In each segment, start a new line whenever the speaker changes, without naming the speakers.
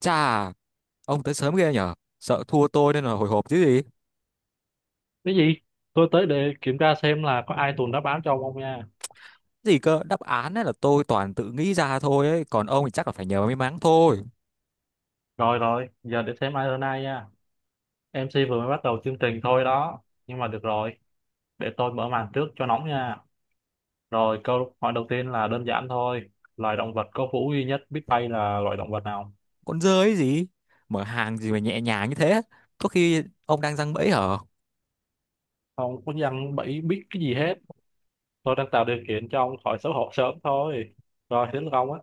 Chà, ông tới sớm ghê nhở? Sợ thua tôi nên là hồi hộp chứ gì?
Cái gì? Tôi tới để kiểm tra xem là có ai tuần đáp án cho ông không nha.
Gì cơ, đáp án ấy là tôi toàn tự nghĩ ra thôi ấy, còn ông thì chắc là phải nhờ may mắn thôi.
Rồi rồi giờ để xem ai hơn ai nha. MC vừa mới bắt đầu chương trình thôi đó, nhưng mà được rồi. Để tôi mở màn trước cho nóng nha. Rồi, câu hỏi đầu tiên là đơn giản thôi. Loài động vật có vú duy nhất biết bay là loài động vật nào?
Con dơ ấy gì? Mở hàng gì mà nhẹ nhàng như thế? Có khi ông đang giăng bẫy hả?
Không có dân bẫy biết cái gì hết. Tôi đang tạo điều kiện cho ông khỏi xấu hổ sớm thôi. Rồi, đến lượt ông á.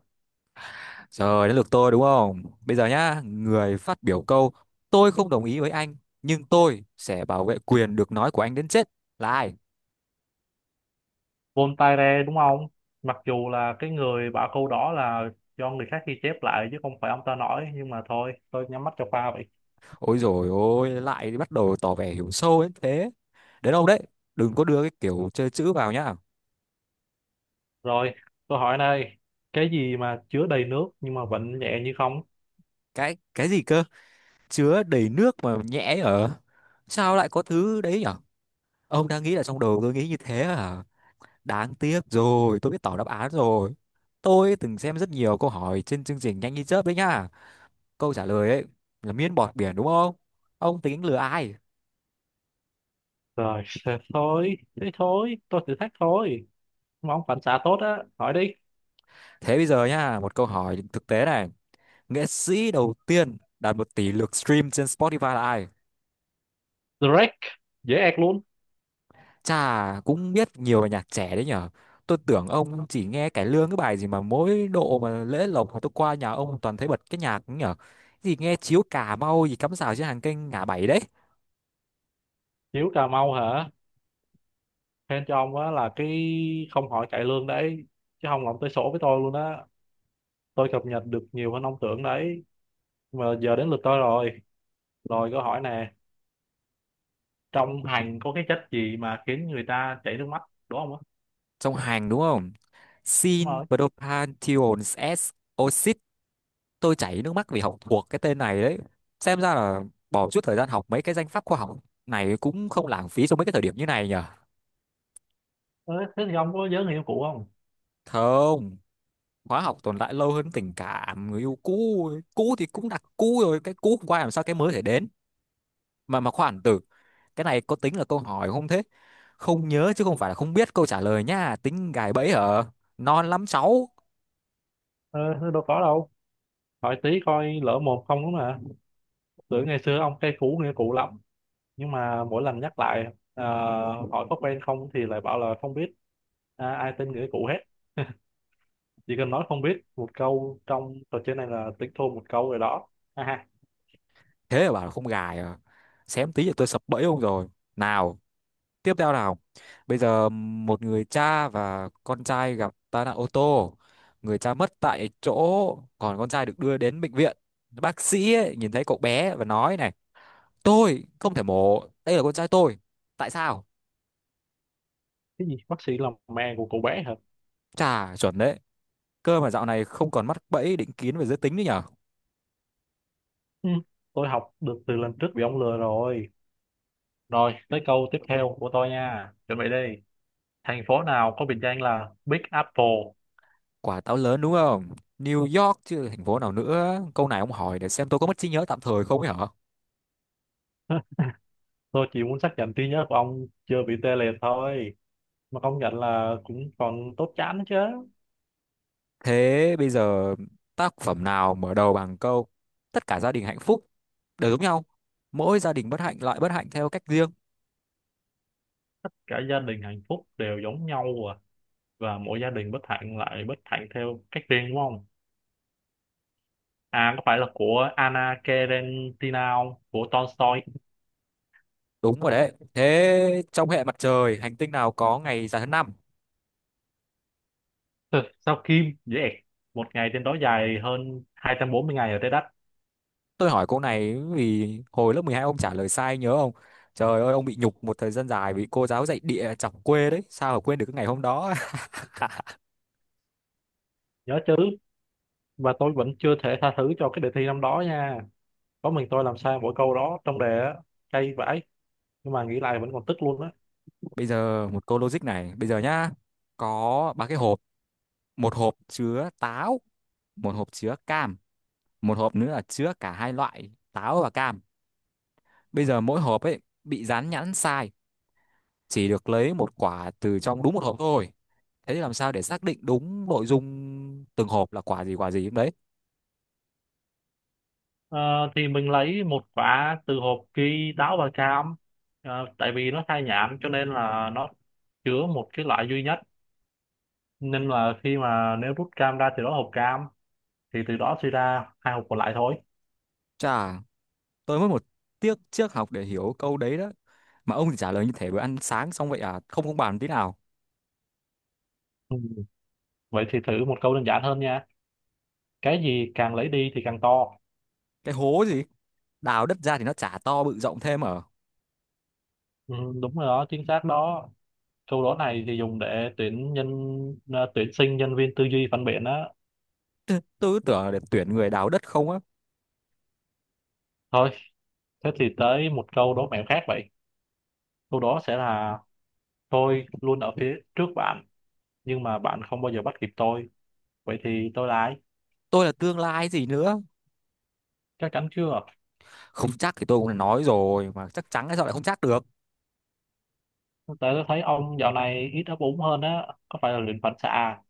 Trời, đến lượt tôi đúng không? Bây giờ nhá, người phát biểu câu tôi không đồng ý với anh, nhưng tôi sẽ bảo vệ quyền được nói của anh đến chết. Là ai?
Voltaire đúng không? Mặc dù là cái người bảo câu đó là do người khác ghi chép lại chứ không phải ông ta nói, nhưng mà thôi tôi nhắm mắt cho pha vậy.
Ôi rồi ôi, lại bắt đầu tỏ vẻ hiểu sâu đến thế. Đến ông đấy, đừng có đưa cái kiểu chơi chữ vào nhá.
Rồi, câu hỏi này, cái gì mà chứa đầy nước nhưng mà vẫn nhẹ như không?
Cái gì cơ? Chứa đầy nước mà nhẽ ở? Sao lại có thứ đấy nhở? Ông đang nghĩ là trong đầu tôi nghĩ như thế à? Đáng tiếc rồi, tôi biết tỏ đáp án rồi. Tôi từng xem rất nhiều câu hỏi trên chương trình Nhanh Như Chớp đấy nhá. Câu trả lời ấy là miên bọt biển đúng không? Ông tính lừa ai?
Rồi, thế thôi, tôi thử thách thôi mà ông phản xạ tốt á, hỏi đi.
Thế bây giờ nhá, một câu hỏi thực tế này: nghệ sĩ đầu tiên đạt 1 tỷ lượt stream trên Spotify là ai?
Drake, dễ ẹc luôn.
Chà, cũng biết nhiều về nhạc trẻ đấy nhở. Tôi tưởng ông chỉ nghe cải lương cái bài gì mà mỗi độ mà lễ lộc mà tôi qua nhà ông toàn thấy bật cái nhạc ấy nhở. Gì nghe chiếu Cà Mau gì cắm rào trên hàng kênh ngã bảy đấy.
Hiếu Cà Mau hả? Khen cho ông á, là cái không hỏi cải lương đấy, chứ không là ông tới sổ với tôi luôn á. Tôi cập nhật được nhiều hơn ông tưởng đấy. Mà giờ đến lượt tôi rồi. Rồi câu hỏi nè, trong hành có cái chất gì mà khiến người ta chảy nước mắt, đúng không á?
Trong hàng đúng không?
Đúng
Sin
rồi.
Propantions S Oxit. Tôi chảy nước mắt vì học thuộc cái tên này đấy. Xem ra là bỏ chút thời gian học mấy cái danh pháp khoa học này cũng không lãng phí trong mấy cái thời điểm như này nhở.
Ờ, Thế thì ông có nhớ người yêu cũ không?
Không. Khóa học tồn tại lâu hơn tình cảm người yêu cũ ấy. Cũ thì cũng đặt cũ rồi, cái cũ không qua làm sao cái mới thể đến. Mà khoản tử, cái này có tính là câu hỏi không thế? Không nhớ chứ không phải là không biết câu trả lời nha. Tính gài bẫy hả? Non lắm cháu.
Ờ, Thế đâu có đâu. Hỏi tí coi lỡ một không đúng mà. Tưởng ngày xưa ông cay cú người yêu cũ lắm. Nhưng mà mỗi lần nhắc lại, ờ, hỏi có quen không thì lại bảo là không biết. À, ai tin người yêu cũ hết. Chỉ cần nói không biết một câu trong trò chơi này là tính thua một câu rồi đó. Ha ha.
Thế mà bảo là không gài à? Xém tí là tôi sập bẫy ông rồi. Nào, tiếp theo nào. Bây giờ một người cha và con trai gặp tai nạn ô tô, người cha mất tại chỗ, còn con trai được đưa đến bệnh viện. Bác sĩ ấy, nhìn thấy cậu bé và nói này, tôi không thể mổ, đây là con trai tôi. Tại sao?
Cái gì? Bác sĩ là mẹ của cậu bé hả?
Chả, chuẩn đấy. Cơ mà dạo này không còn mắc bẫy định kiến về giới tính nữa nhở.
Ừ, tôi học được từ lần trước bị ông lừa rồi. Rồi, tới câu tiếp theo của tôi nha. Chuẩn bị đi. Thành phố nào có biệt danh là Big Apple?
Quả táo lớn đúng không? New York chứ thành phố nào nữa. Câu này ông hỏi để xem tôi có mất trí nhớ tạm thời không ấy hả?
Tôi chỉ muốn xác nhận trí nhớ của ông chưa bị tê liệt thôi. Mà công nhận là cũng còn tốt chán chứ.
Thế bây giờ, tác phẩm nào mở đầu bằng câu: tất cả gia đình hạnh phúc đều giống nhau, mỗi gia đình bất hạnh lại bất hạnh theo cách riêng?
Tất cả gia đình hạnh phúc đều giống nhau à. Và mỗi gia đình bất hạnh lại bất hạnh theo cách riêng đúng không? À, có phải là của Anna Karenina không? Của Tolstoy.
Đúng rồi đấy. Thế trong hệ mặt trời, hành tinh nào có ngày dài hơn năm?
Ừ, sao Kim? Dễ ẹc. Một ngày trên đó dài hơn 240 ngày ở trái đất.
Tôi hỏi cô này vì hồi lớp 12 ông trả lời sai nhớ không? Trời ơi, ông bị nhục một thời gian dài vì cô giáo dạy địa chọc quê đấy, sao mà quên được cái ngày hôm đó.
Nhớ chứ. Và tôi vẫn chưa thể tha thứ cho cái đề thi năm đó nha. Có mình tôi làm sai mỗi câu đó trong đề á, cay vãi, nhưng mà nghĩ lại vẫn còn tức luôn á.
Bây giờ một câu logic này, bây giờ nhá, có ba cái hộp, một hộp chứa táo, một hộp chứa cam, một hộp nữa là chứa cả hai loại táo và cam. Bây giờ mỗi hộp ấy bị dán nhãn sai, chỉ được lấy một quả từ trong đúng một hộp thôi. Thế thì làm sao để xác định đúng nội dung từng hộp là quả gì đấy?
Ờ, thì mình lấy một quả từ hộp ghi táo và cam. Tại vì nó khai nhãn cho nên là nó chứa một cái loại duy nhất, nên là khi mà nếu rút cam ra từ đó hộp cam thì từ đó suy ra hai hộp còn lại thôi.
Chà, tôi mất một tiết triết học để hiểu câu đấy đó, mà ông thì trả lời như thể bữa ăn sáng xong vậy à. Không, không bàn tí nào.
Ừ, vậy thì thử một câu đơn giản hơn nha. Cái gì càng lấy đi thì càng to?
Cái hố gì? Đào đất ra thì nó chả to bự rộng thêm ở?
Ừ, đúng rồi đó, chính xác đó. Câu đố này thì dùng để tuyển nhân, tuyển sinh nhân viên tư duy phản biện á.
Tôi cứ tưởng là để tuyển người đào đất không á.
Thôi. Thế thì tới một câu đố mẹo khác vậy. Câu đó sẽ là tôi luôn ở phía trước bạn, nhưng mà bạn không bao giờ bắt kịp tôi. Vậy thì tôi là ai?
Tôi là tương lai gì nữa.
Chắc chắn chưa?
Không chắc thì tôi cũng đã nói rồi mà, chắc chắn hay sao lại không chắc được.
Tại tôi thấy ông dạo này ít ấp úng hơn á, có phải là luyện phản xạ à?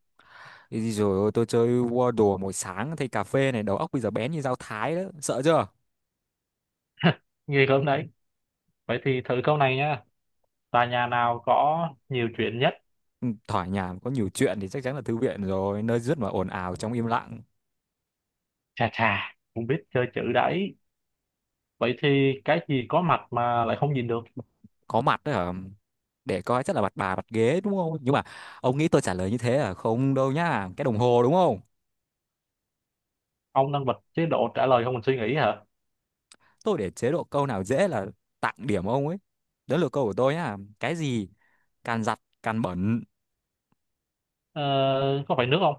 Thì rồi ôi, tôi chơi Wordle mỗi sáng thay cà phê này, đầu óc bây giờ bén như dao thái đó, sợ chưa?
Nghi lắm đấy. Vậy thì thử câu này nha. Tòa nhà nào có nhiều chuyện nhất?
Ừ, thoải nhà có nhiều chuyện thì chắc chắn là thư viện rồi, nơi rất mà ồn ào trong im lặng.
Chà chà, cũng biết chơi chữ đấy. Vậy thì cái gì có mặt mà lại không nhìn được?
Có mặt đấy hả? Để coi chắc là mặt bà, mặt ghế đúng không, nhưng mà ông nghĩ tôi trả lời như thế là không đâu nhá. Cái đồng hồ đúng không?
Ông đang bật chế độ trả lời không mình suy nghĩ hả?
Tôi để chế độ câu nào dễ là tặng điểm ông ấy. Đó là câu của tôi nhá. Cái gì càng giặt càng bẩn?
Ờ, có phải nước không?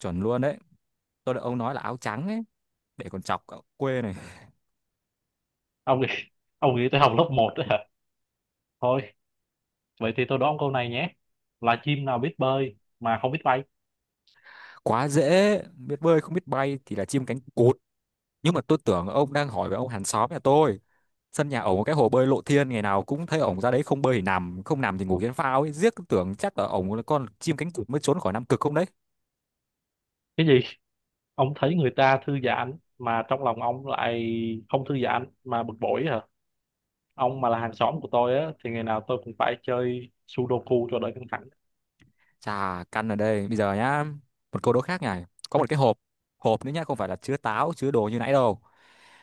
Chuẩn luôn đấy. Tôi đợi ông nói là áo trắng ấy, để còn chọc cậu quê này.
Ông nghĩ, ông nghĩ tới học lớp một đấy hả? Thôi. Vậy thì tôi đố ông câu này nhé. Là chim nào biết bơi mà không biết bay?
Quá dễ, biết bơi không biết bay thì là chim cánh cụt. Nhưng mà tôi tưởng ông đang hỏi về ông hàng xóm nhà tôi. Sân nhà ổng có cái hồ bơi lộ thiên, ngày nào cũng thấy ổng ra đấy, không bơi thì nằm, không nằm thì ngủ trên phao ấy, riết tưởng chắc là ổng là con chim cánh cụt mới trốn khỏi Nam Cực không đấy.
Cái gì? Ông thấy người ta thư giãn mà trong lòng ông lại không thư giãn mà bực bội hả? Ông mà là hàng xóm của tôi á thì ngày nào tôi cũng phải chơi Sudoku cho đỡ căng thẳng.
Chà, căn ở đây, bây giờ nhá, một câu đố khác này. Có một cái hộp, hộp nữa nhá, không phải là chứa táo chứa đồ như nãy đâu.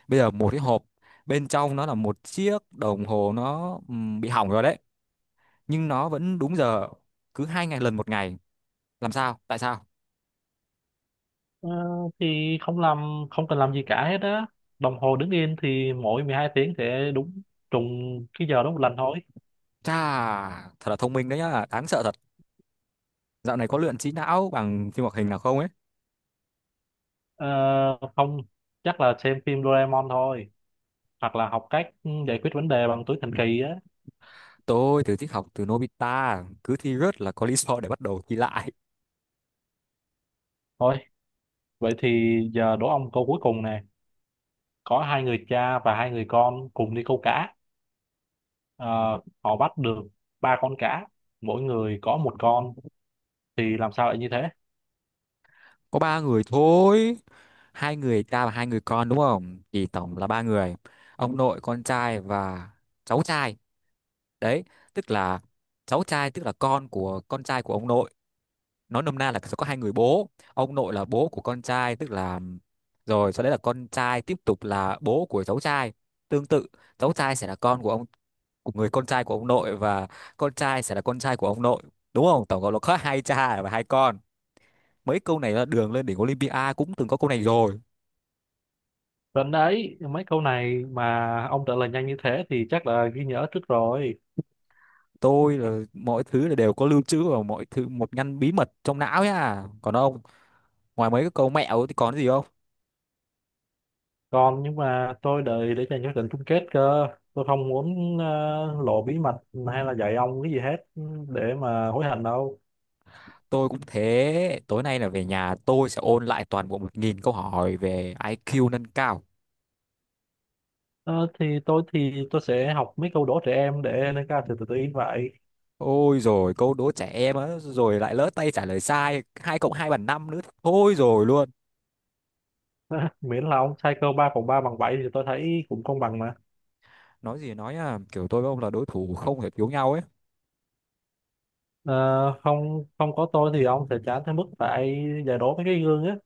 Bây giờ một cái hộp, bên trong nó là một chiếc đồng hồ, nó bị hỏng rồi đấy, nhưng nó vẫn đúng giờ cứ hai ngày lần một ngày. Làm sao? Tại sao?
Ờ, thì không làm không cần làm gì cả hết á. Đồng hồ đứng yên thì mỗi 12 tiếng sẽ đúng trùng cái giờ đó một lần thôi.
Chà, thật là thông minh đấy nhá, đáng sợ thật. Dạo này có luyện trí não bằng phim hoạt hình nào không ấy?
Ờ, Không, chắc là xem phim Doraemon thôi hoặc là học cách giải quyết vấn đề bằng túi thần kỳ á.
Tôi thì thích học từ Nobita, cứ thi rớt là có lý do để bắt đầu thi lại.
Thôi. Vậy thì giờ đố ông câu cuối cùng nè. Có hai người cha và hai người con cùng đi câu cá. Ờ, Họ bắt được ba con cá, mỗi người có một con. Thì làm sao lại như thế?
Có ba người thôi, hai người cha và hai người con đúng không? Thì tổng là ba người, ông nội, con trai và cháu trai. Đấy, tức là cháu trai tức là con của con trai của ông nội. Nói nôm na là sẽ có hai người bố. Ông nội là bố của con trai, tức là rồi sau đấy là con trai tiếp tục là bố của cháu trai. Tương tự, cháu trai sẽ là con của ông của người con trai của ông nội, và con trai sẽ là con trai của ông nội, đúng không? Tổng cộng là có hai cha và hai con. Mấy câu này là Đường Lên Đỉnh Olympia cũng từng có câu này rồi.
Đến đấy, mấy câu này mà ông trả lời nhanh như thế thì chắc là ghi nhớ trước rồi.
Tôi là mọi thứ là đều có lưu trữ và mọi thứ một ngăn bí mật trong não nhá. Còn ông, ngoài mấy cái câu mẹo thì còn cái gì không?
Còn, nhưng mà tôi đợi để dành cho trận chung kết cơ. Tôi không muốn lộ bí mật hay là dạy ông cái gì hết để mà hối hận đâu.
Tôi cũng thế, tối nay là về nhà tôi sẽ ôn lại toàn bộ 1.000 câu hỏi về IQ nâng cao.
Ờ, thì tôi sẽ học mấy câu đố trẻ em để nâng cao sự tự tin vậy.
Ôi rồi câu đố trẻ em á, rồi lại lỡ tay trả lời sai 2 cộng 2 bằng 5 nữa thôi rồi luôn.
Miễn là ông sai câu 3 cộng 3 bằng 7 thì tôi thấy cũng công bằng mà.
Nói gì nói nhá, kiểu tôi với ông là đối thủ không thể thiếu nhau ấy.
Ờ, không không có tôi thì ông sẽ chán tới mức phải giải đố mấy cái gương á.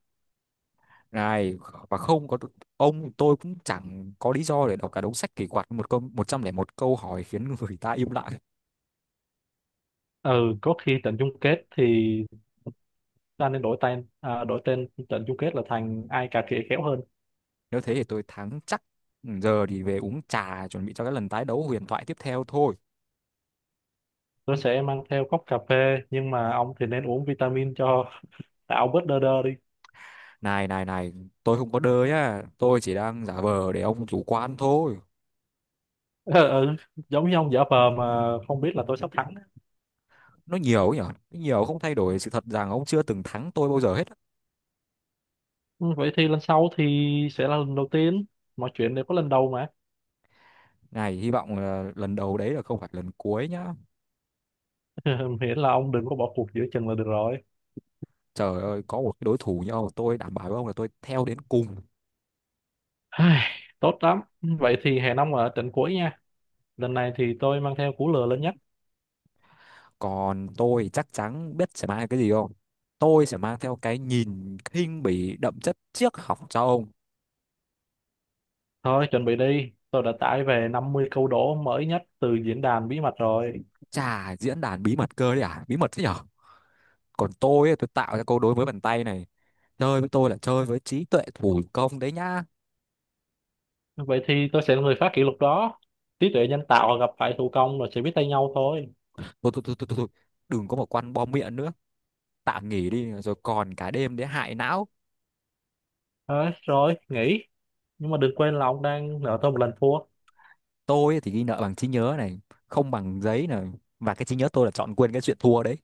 Này, và không có ông tôi cũng chẳng có lý do để đọc cả đống sách kỳ quặc một câu 101 câu hỏi khiến người ta im lặng.
Ừ, có khi trận chung kết thì ta nên đổi tên, à, đổi tên trận chung kết là thành ai cà khịa khéo hơn.
Nếu thế thì tôi thắng chắc. Ừ, giờ thì về uống trà chuẩn bị cho cái lần tái đấu huyền thoại tiếp theo thôi.
Tôi sẽ mang theo cốc cà phê, nhưng mà ông thì nên uống vitamin cho tạo bớt đơ đơ đi.
Này này này, tôi không có đơ nhá, tôi chỉ đang giả vờ để ông chủ quan thôi.
Ừ, ừ, giống như ông giả vờ mà không biết là tôi sắp thắng.
Nó nhiều ấy nhở. Nó nhiều không thay đổi sự thật rằng ông chưa từng thắng tôi bao giờ hết á.
Ừ, vậy thì lần sau thì sẽ là lần đầu tiên, mọi chuyện đều có lần đầu mà.
Này, hy vọng là lần đầu đấy là không phải lần cuối nhá.
Miễn là ông đừng có bỏ cuộc giữa chừng là được rồi.
Trời ơi, có một cái đối thủ như ông, tôi đảm bảo với ông là tôi theo đến cùng.
Ai, tốt lắm. Vậy thì hẹn ông ở trận cuối nha. Lần này thì tôi mang theo cú lừa lớn nhất.
Còn tôi chắc chắn biết sẽ mang cái gì không? Tôi sẽ mang theo cái nhìn khinh bỉ đậm chất triết học cho ông.
Thôi, chuẩn bị đi. Tôi đã tải về 50 câu đố mới nhất từ diễn đàn bí mật rồi.
Chà, diễn đàn bí mật cơ đấy à? Bí mật thế nhở? Còn tôi, ấy, tôi tạo ra câu đối với bàn tay này. Chơi với tôi là chơi với trí tuệ thủ công đấy nhá.
Vậy thì tôi sẽ là người phá kỷ lục đó. Trí tuệ nhân tạo gặp phải thủ công rồi sẽ biết tay nhau thôi.
Thôi, thôi, thôi, thôi, thôi. Đừng có một quan bom miệng nữa. Tạm nghỉ đi, rồi còn cả đêm để hại não.
Thôi, rồi, nghỉ. Nhưng mà đừng quên là ông đang nợ tôi một lần thua.
Tôi thì ghi nợ bằng trí nhớ này, không bằng giấy này. Và cái trí nhớ tôi là chọn quên cái chuyện thua đấy.